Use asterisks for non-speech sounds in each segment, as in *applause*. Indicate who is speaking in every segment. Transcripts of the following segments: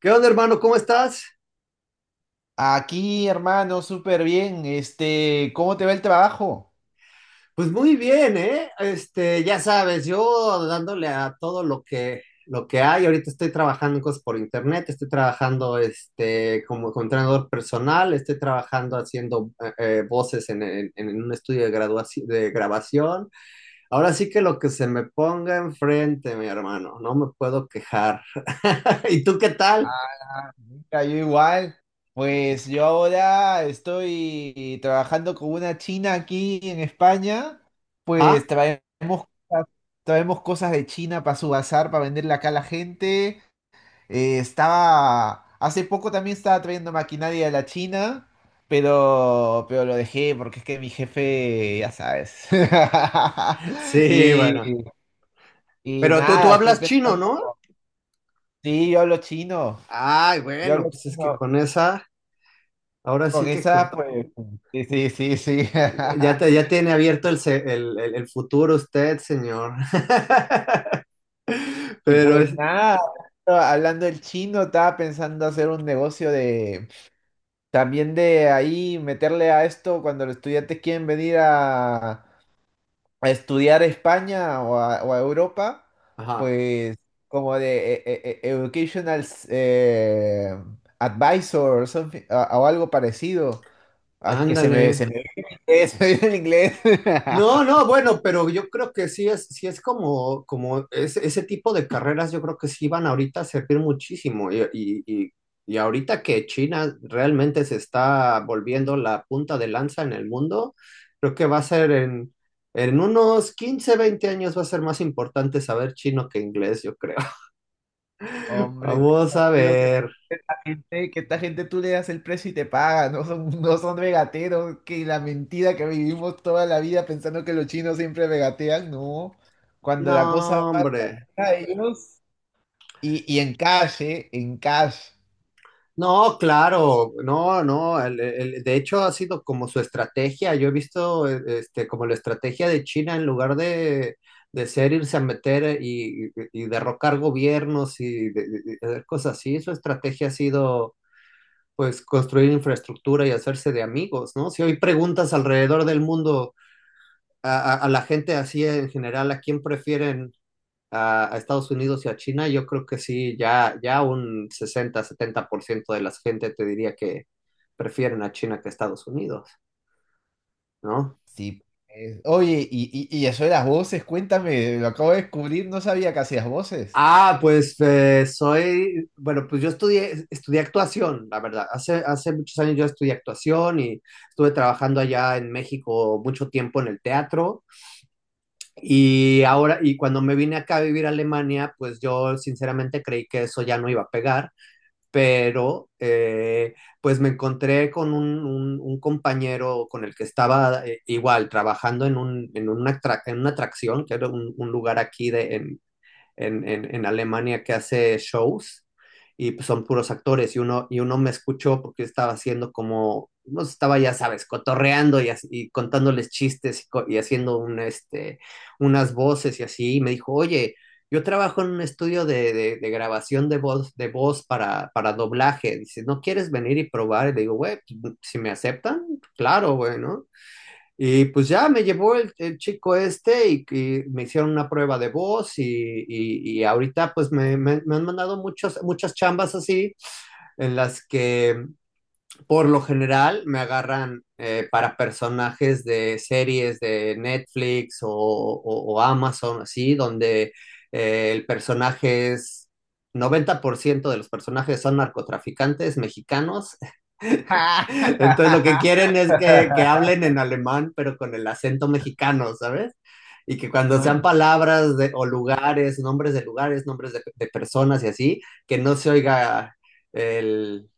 Speaker 1: ¿Qué onda, hermano? ¿Cómo estás?
Speaker 2: Aquí, hermano, súper bien. ¿Cómo te va el trabajo?
Speaker 1: Pues muy bien, ¿eh? Ya sabes, yo dándole a todo lo que hay. Ahorita estoy trabajando en cosas por internet, estoy trabajando como entrenador personal, estoy trabajando haciendo voces en un estudio de grabación. Ahora sí que lo que se me ponga enfrente, mi hermano, no me puedo quejar. *laughs* ¿Y tú qué tal?
Speaker 2: Mira, yo igual. Pues yo ahora estoy trabajando con una china aquí en España. Pues
Speaker 1: Ajá.
Speaker 2: cosas- traemos cosas de China para su bazar, para venderle acá a la gente. Hace poco también estaba trayendo maquinaria de la China, pero lo dejé porque es que mi jefe, ya sabes. *laughs*
Speaker 1: Sí,
Speaker 2: Y,
Speaker 1: bueno.
Speaker 2: y
Speaker 1: Pero tú
Speaker 2: nada, estoy
Speaker 1: hablas chino,
Speaker 2: pensando.
Speaker 1: ¿no?
Speaker 2: Sí, yo hablo chino.
Speaker 1: Ay,
Speaker 2: Yo
Speaker 1: bueno,
Speaker 2: hablo
Speaker 1: pues es que
Speaker 2: chino.
Speaker 1: con esa. Ahora sí
Speaker 2: Con
Speaker 1: que
Speaker 2: esa,
Speaker 1: co-
Speaker 2: pues. Sí, sí, sí, sí.
Speaker 1: ya, te- ya
Speaker 2: *laughs*
Speaker 1: tiene abierto el, se- el futuro usted, señor. *laughs*
Speaker 2: Y
Speaker 1: Pero
Speaker 2: pues
Speaker 1: es,
Speaker 2: nada, hablando del chino, estaba pensando hacer un negocio de. También de ahí meterle a esto cuando los estudiantes quieren venir a estudiar a España o a Europa,
Speaker 1: ajá,
Speaker 2: pues como de educational advisor or something, o algo parecido. Al se
Speaker 1: ándale.
Speaker 2: me viene el inglés. *laughs* Se me viene el inglés.
Speaker 1: No,
Speaker 2: *laughs*
Speaker 1: no, bueno, pero yo creo que sí es como ese tipo de carreras, yo creo que sí van ahorita a servir muchísimo. Y ahorita que China realmente se está volviendo la punta de lanza en el mundo, creo que va a ser en unos 15 20 años va a ser más importante saber chino que inglés, yo creo.
Speaker 2: Hombre, tú
Speaker 1: Vamos a
Speaker 2: tranquilo
Speaker 1: ver.
Speaker 2: esta gente, que esta gente tú le das el precio y te paga, no son regateros, que la mentira que vivimos toda la vida pensando que los chinos siempre regatean, no. Cuando
Speaker 1: No,
Speaker 2: la cosa va
Speaker 1: hombre.
Speaker 2: a ellos, y en calle, en cash.
Speaker 1: No, claro, no, no. De hecho, ha sido como su estrategia. Yo he visto como la estrategia de China en lugar de ser irse a meter y derrocar gobiernos y, de hacer cosas así. Su estrategia ha sido, pues, construir infraestructura y hacerse de amigos, ¿no? Si hoy preguntas alrededor del mundo a la gente así en general, ¿a quién prefieren? A Estados Unidos y a China, yo creo que sí, ya un 60 70% de la gente te diría que prefieren a China que a Estados Unidos, ¿no?
Speaker 2: Sí, oye, y eso de las voces, cuéntame, lo acabo de descubrir, no sabía que hacías voces.
Speaker 1: Ah, pues bueno, pues yo estudié actuación, la verdad. Hace muchos años yo estudié actuación y estuve trabajando allá en México mucho tiempo en el teatro. Y ahora, y cuando me vine acá a vivir a Alemania, pues yo sinceramente creí que eso ya no iba a pegar. Pero pues me encontré con un compañero con el que estaba igual trabajando en, un, en, una, atrac- en una atracción, que era un lugar aquí de, en Alemania que hace shows y pues son puros actores y uno me escuchó porque estaba haciendo como, no estaba ya sabes, cotorreando y contándoles chistes y haciendo unas voces y así, y me dijo, oye, yo trabajo en un estudio de grabación de voz para doblaje, dice, ¿no quieres venir y probar? Y le digo, güey, pues, si me aceptan, claro, güey, ¿no? Y pues ya me llevó el chico este y me hicieron una prueba de voz y ahorita pues me han mandado muchas muchas chambas así en las que por lo general me agarran para personajes de series de Netflix o Amazon así, donde el personaje es, 90% de los personajes son narcotraficantes mexicanos. Entonces lo que
Speaker 2: *laughs*
Speaker 1: quieren es que, hablen en alemán, pero con el acento mexicano, ¿sabes? Y que cuando sean palabras o lugares, nombres de lugares, nombres de personas y así, que no se oiga el,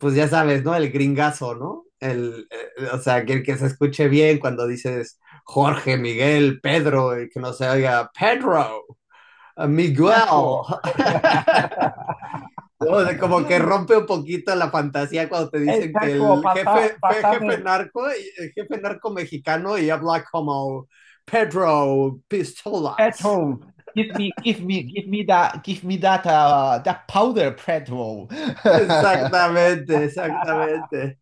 Speaker 1: pues ya sabes, ¿no? El gringazo, ¿no? O sea, que se escuche bien cuando dices Jorge, Miguel, Pedro, y que no se oiga Pedro, Miguel.
Speaker 2: Petrol.
Speaker 1: *laughs* No, de como que rompe un poquito la fantasía cuando te
Speaker 2: Hey,
Speaker 1: dicen que
Speaker 2: petrol,
Speaker 1: el jefe, fe- jefe
Speaker 2: pasame
Speaker 1: narco, el jefe narco mexicano y habla como Pedro Pistolas.
Speaker 2: petrol. Give me, give me that, give me that, that powder, petrol. *laughs*
Speaker 1: Exactamente, exactamente.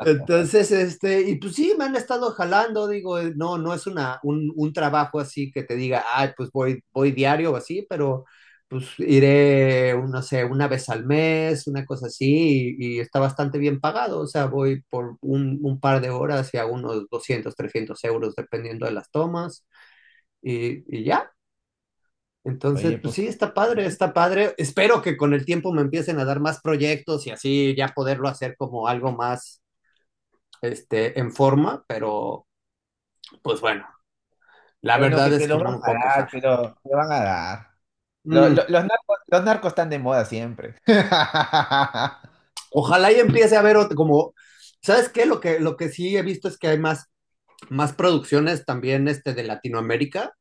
Speaker 1: Entonces, y pues sí, me han estado jalando, digo, no, no es un trabajo así que te diga, ah, pues voy diario o así, pero pues iré, no sé, una vez al mes, una cosa así, y está bastante bien pagado, o sea, voy por un par de horas y a unos 200 300 euros, dependiendo de las tomas, y ya. Entonces,
Speaker 2: Oye,
Speaker 1: pues
Speaker 2: pues qué
Speaker 1: sí, está padre, está padre. Espero que con el tiempo me empiecen a dar más proyectos y así ya poderlo hacer como algo más en forma, pero pues bueno, la
Speaker 2: bueno
Speaker 1: verdad
Speaker 2: que
Speaker 1: es
Speaker 2: te
Speaker 1: que
Speaker 2: los
Speaker 1: no
Speaker 2: van
Speaker 1: me
Speaker 2: a
Speaker 1: puedo quejar.
Speaker 2: dar, te van a dar.
Speaker 1: Mm,
Speaker 2: Los narcos están de moda siempre. *laughs*
Speaker 1: ojalá y empiece a ver como, ¿sabes qué? Lo que sí he visto es que hay más producciones también de Latinoamérica,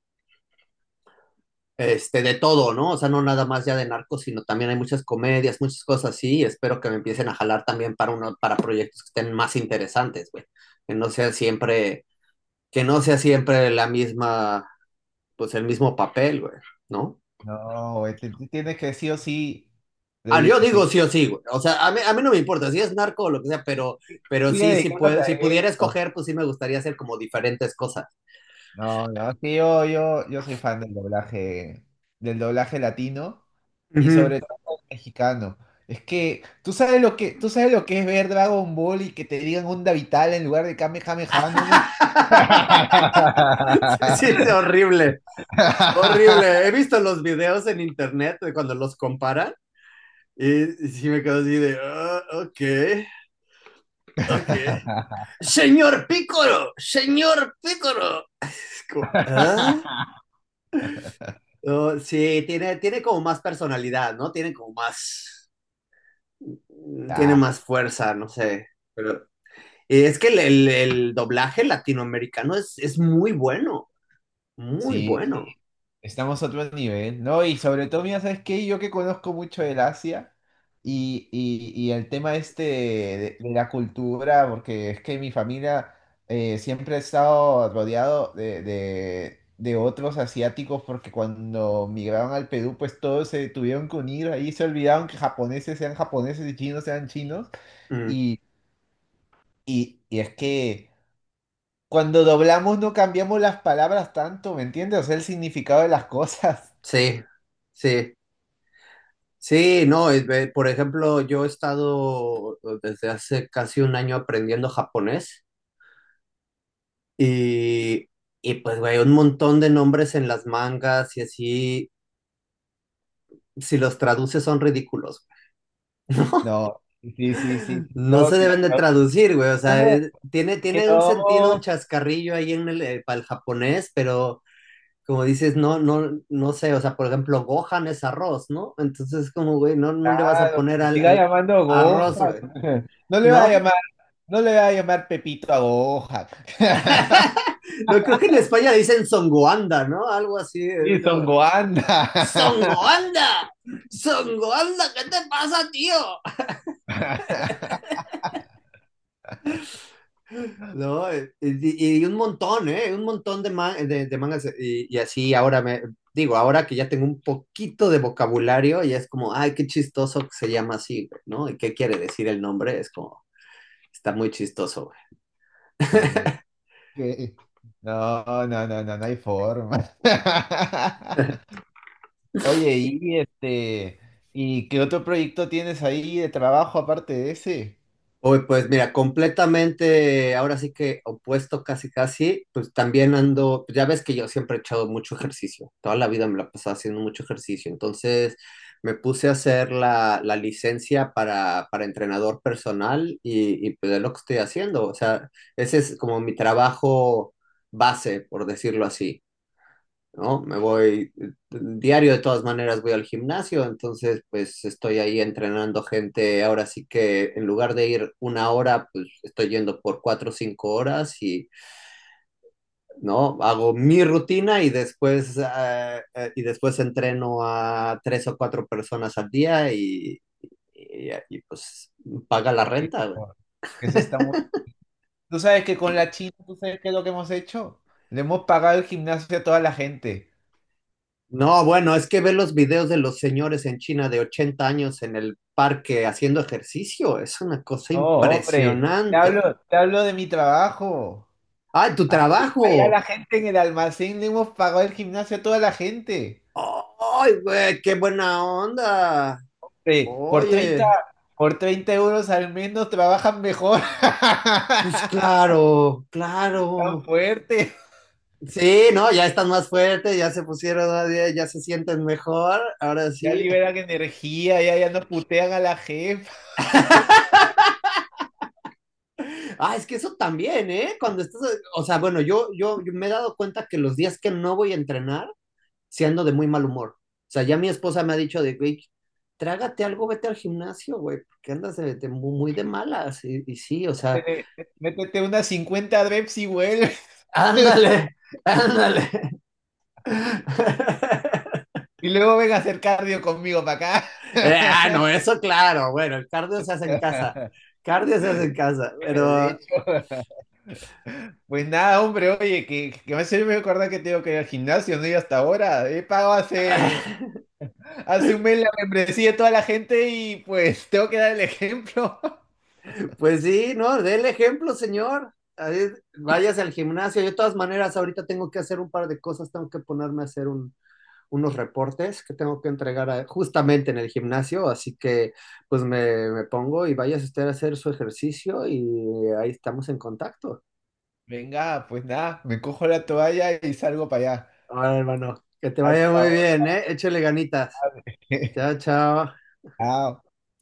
Speaker 1: de todo, ¿no? O sea, no nada más ya de narcos, sino también hay muchas comedias, muchas cosas así, y espero que me empiecen a jalar también para, uno, para proyectos que estén más interesantes, güey. Que no sea siempre, que no sea siempre la misma, pues el mismo papel, güey, ¿no?
Speaker 2: No, güey, tú tienes que sí o sí
Speaker 1: Ah, yo digo
Speaker 2: seguir,
Speaker 1: sí o sí, güey. O sea, a mí no me importa si es narco o lo que sea, pero
Speaker 2: sigue
Speaker 1: sí, sí
Speaker 2: dedicándote
Speaker 1: puede,
Speaker 2: a
Speaker 1: si pudiera
Speaker 2: esto.
Speaker 1: escoger, pues sí me gustaría hacer como diferentes cosas.
Speaker 2: No, no, sí, yo soy fan del doblaje latino, y
Speaker 1: Ujú.
Speaker 2: sobre todo el mexicano. Es que tú sabes lo que es ver Dragon Ball y que te digan onda vital en lugar de Kamehameha, no me...
Speaker 1: *laughs* Sí, sí, es
Speaker 2: *laughs*
Speaker 1: horrible, horrible. He visto los videos en internet de cuando los comparan y sí me quedo así de, "Ah, ok, ok. Señor Pícoro, señor Pícoro. Es como, "Ah, oh, sí, tiene como más personalidad, ¿no? Tiene como más... tiene
Speaker 2: Ya,
Speaker 1: más fuerza, no sé. Pero es que el doblaje latinoamericano es muy bueno, muy
Speaker 2: sí,
Speaker 1: bueno.
Speaker 2: estamos a otro nivel, ¿no? Y sobre todo, mira, ¿sabes qué? Yo que conozco mucho del Asia y el tema este de la cultura, porque es que mi familia siempre ha estado rodeado de otros asiáticos, porque cuando migraron al Perú, pues todos se tuvieron que unir, ahí se olvidaron que japoneses sean japoneses y chinos sean chinos,
Speaker 1: Mm,
Speaker 2: y, y es que cuando doblamos no cambiamos las palabras tanto, ¿me entiendes? O sea, el significado de las *laughs* cosas.
Speaker 1: sí, sí, sí, no, por ejemplo, yo he estado desde hace casi un año aprendiendo japonés y, y pues, güey, un montón de nombres en las mangas y así, si los traduces son ridículos.
Speaker 2: No, sí, sí, sí.
Speaker 1: No
Speaker 2: No,
Speaker 1: se
Speaker 2: si la
Speaker 1: deben de traducir, güey. O sea,
Speaker 2: traducción
Speaker 1: es- tiene,
Speaker 2: es que
Speaker 1: tiene un sentido, un
Speaker 2: no,
Speaker 1: chascarrillo ahí en el, para el japonés, pero como dices, no, no, no sé. O sea, por ejemplo, Gohan es arroz, ¿no? Entonces, como, güey, no, no le vas a
Speaker 2: claro, que
Speaker 1: poner
Speaker 2: se
Speaker 1: al,
Speaker 2: siga
Speaker 1: al
Speaker 2: llamando
Speaker 1: arroz,
Speaker 2: Gohan.
Speaker 1: güey,
Speaker 2: *laughs* No le va a
Speaker 1: ¿no?
Speaker 2: llamar, no le va a llamar Pepito a Gohan. *laughs*
Speaker 1: *laughs* No creo que en España dicen songoanda, ¿no? Algo así.
Speaker 2: Sí,
Speaker 1: Es
Speaker 2: son
Speaker 1: como,
Speaker 2: Goanda. *laughs*
Speaker 1: ¡Songoanda! ¡Songoanda! ¿Qué te pasa, tío? No, y un montón, ¿eh? Un montón de mangas. Y así ahora me digo, ahora que ya tengo un poquito de vocabulario, ya es como, ay, qué chistoso que se llama así, ¿no? ¿Y qué quiere decir el nombre? Es como, está muy chistoso.
Speaker 2: Sí, que- no, no, no, no, no hay forma. *laughs* Oye, y este, ¿y qué otro proyecto tienes ahí de trabajo aparte de ese?
Speaker 1: Uy, pues mira, completamente, ahora sí que opuesto casi casi, pues también ando, pues, ya ves que yo siempre he echado mucho ejercicio, toda la vida me la pasaba haciendo mucho ejercicio, entonces me puse a hacer la licencia para entrenador personal y pues es lo que estoy haciendo, o sea, ese es como mi trabajo base, por decirlo así. ¿No? Me voy diario de todas maneras, voy al gimnasio, entonces pues estoy ahí entrenando gente, ahora sí que en lugar de ir una hora, pues estoy yendo por 4 o 5 horas y, ¿no? Hago mi rutina y después entreno a tres o cuatro personas al día y pues paga la
Speaker 2: Oye,
Speaker 1: renta, güey.
Speaker 2: no, eso está muy... Tú sabes que con la China, ¿tú sabes qué es lo que hemos hecho? Le hemos pagado el gimnasio a toda la gente.
Speaker 1: No, bueno, es que ver los videos de los señores en China de 80 años en el parque haciendo ejercicio es una cosa
Speaker 2: Oh, hombre,
Speaker 1: impresionante.
Speaker 2: te hablo de mi trabajo.
Speaker 1: ¡Ay, tu
Speaker 2: Ahí, Ahí a
Speaker 1: trabajo!
Speaker 2: la gente en el almacén le hemos pagado el gimnasio a toda la gente.
Speaker 1: ¡Ay, güey, qué buena onda!
Speaker 2: Eh, por 30,
Speaker 1: Oye,
Speaker 2: por 30 euros al menos trabajan mejor.
Speaker 1: pues
Speaker 2: *laughs*
Speaker 1: claro,
Speaker 2: Tan
Speaker 1: claro.
Speaker 2: fuerte.
Speaker 1: Sí, no, ya están más fuertes, ya se pusieron, a dieta, ya se sienten mejor, ahora
Speaker 2: Ya
Speaker 1: sí.
Speaker 2: liberan energía, ya no putean a la jefa.
Speaker 1: Ah, es que eso también, ¿eh? Cuando estás, o sea, bueno, yo me he dado cuenta que los días que no voy a entrenar, si ando de muy mal humor. O sea, ya mi esposa me ha dicho de, güey, trágate algo, vete al gimnasio, güey, porque andas de muy, muy de malas. Y sí, o sea,
Speaker 2: Te- Métete unas 50 reps y vuelve.
Speaker 1: ándale, ándale. *laughs*
Speaker 2: Y luego ven a hacer cardio conmigo para acá.
Speaker 1: Ah, no, eso claro, bueno, el cardio se hace en casa. Cardio se hace en casa,
Speaker 2: De
Speaker 1: pero
Speaker 2: hecho, *laughs* pues nada, hombre, oye, que me hace me acordar que tengo que ir al gimnasio, no he ido hasta ahora. He pagado
Speaker 1: *laughs*
Speaker 2: hace un mes la membresía de toda la gente y pues *laughs* tengo que dar el ejemplo. *laughs*
Speaker 1: pues sí, ¿no? Dé el ejemplo, señor. Ahí, váyase al gimnasio. Yo de todas maneras, ahorita tengo que hacer un par de cosas, tengo que ponerme a hacer unos reportes que tengo que entregar justamente en el gimnasio, así que pues me pongo y vayas usted a hacer su ejercicio y ahí estamos en contacto.
Speaker 2: Venga, pues nada, me cojo la toalla y salgo para allá.
Speaker 1: Ahora, hermano, que te vaya
Speaker 2: Hasta
Speaker 1: muy
Speaker 2: ahora.
Speaker 1: bien, ¿eh? Échale ganitas.
Speaker 2: *laughs*
Speaker 1: Chao, chao.
Speaker 2: Chao.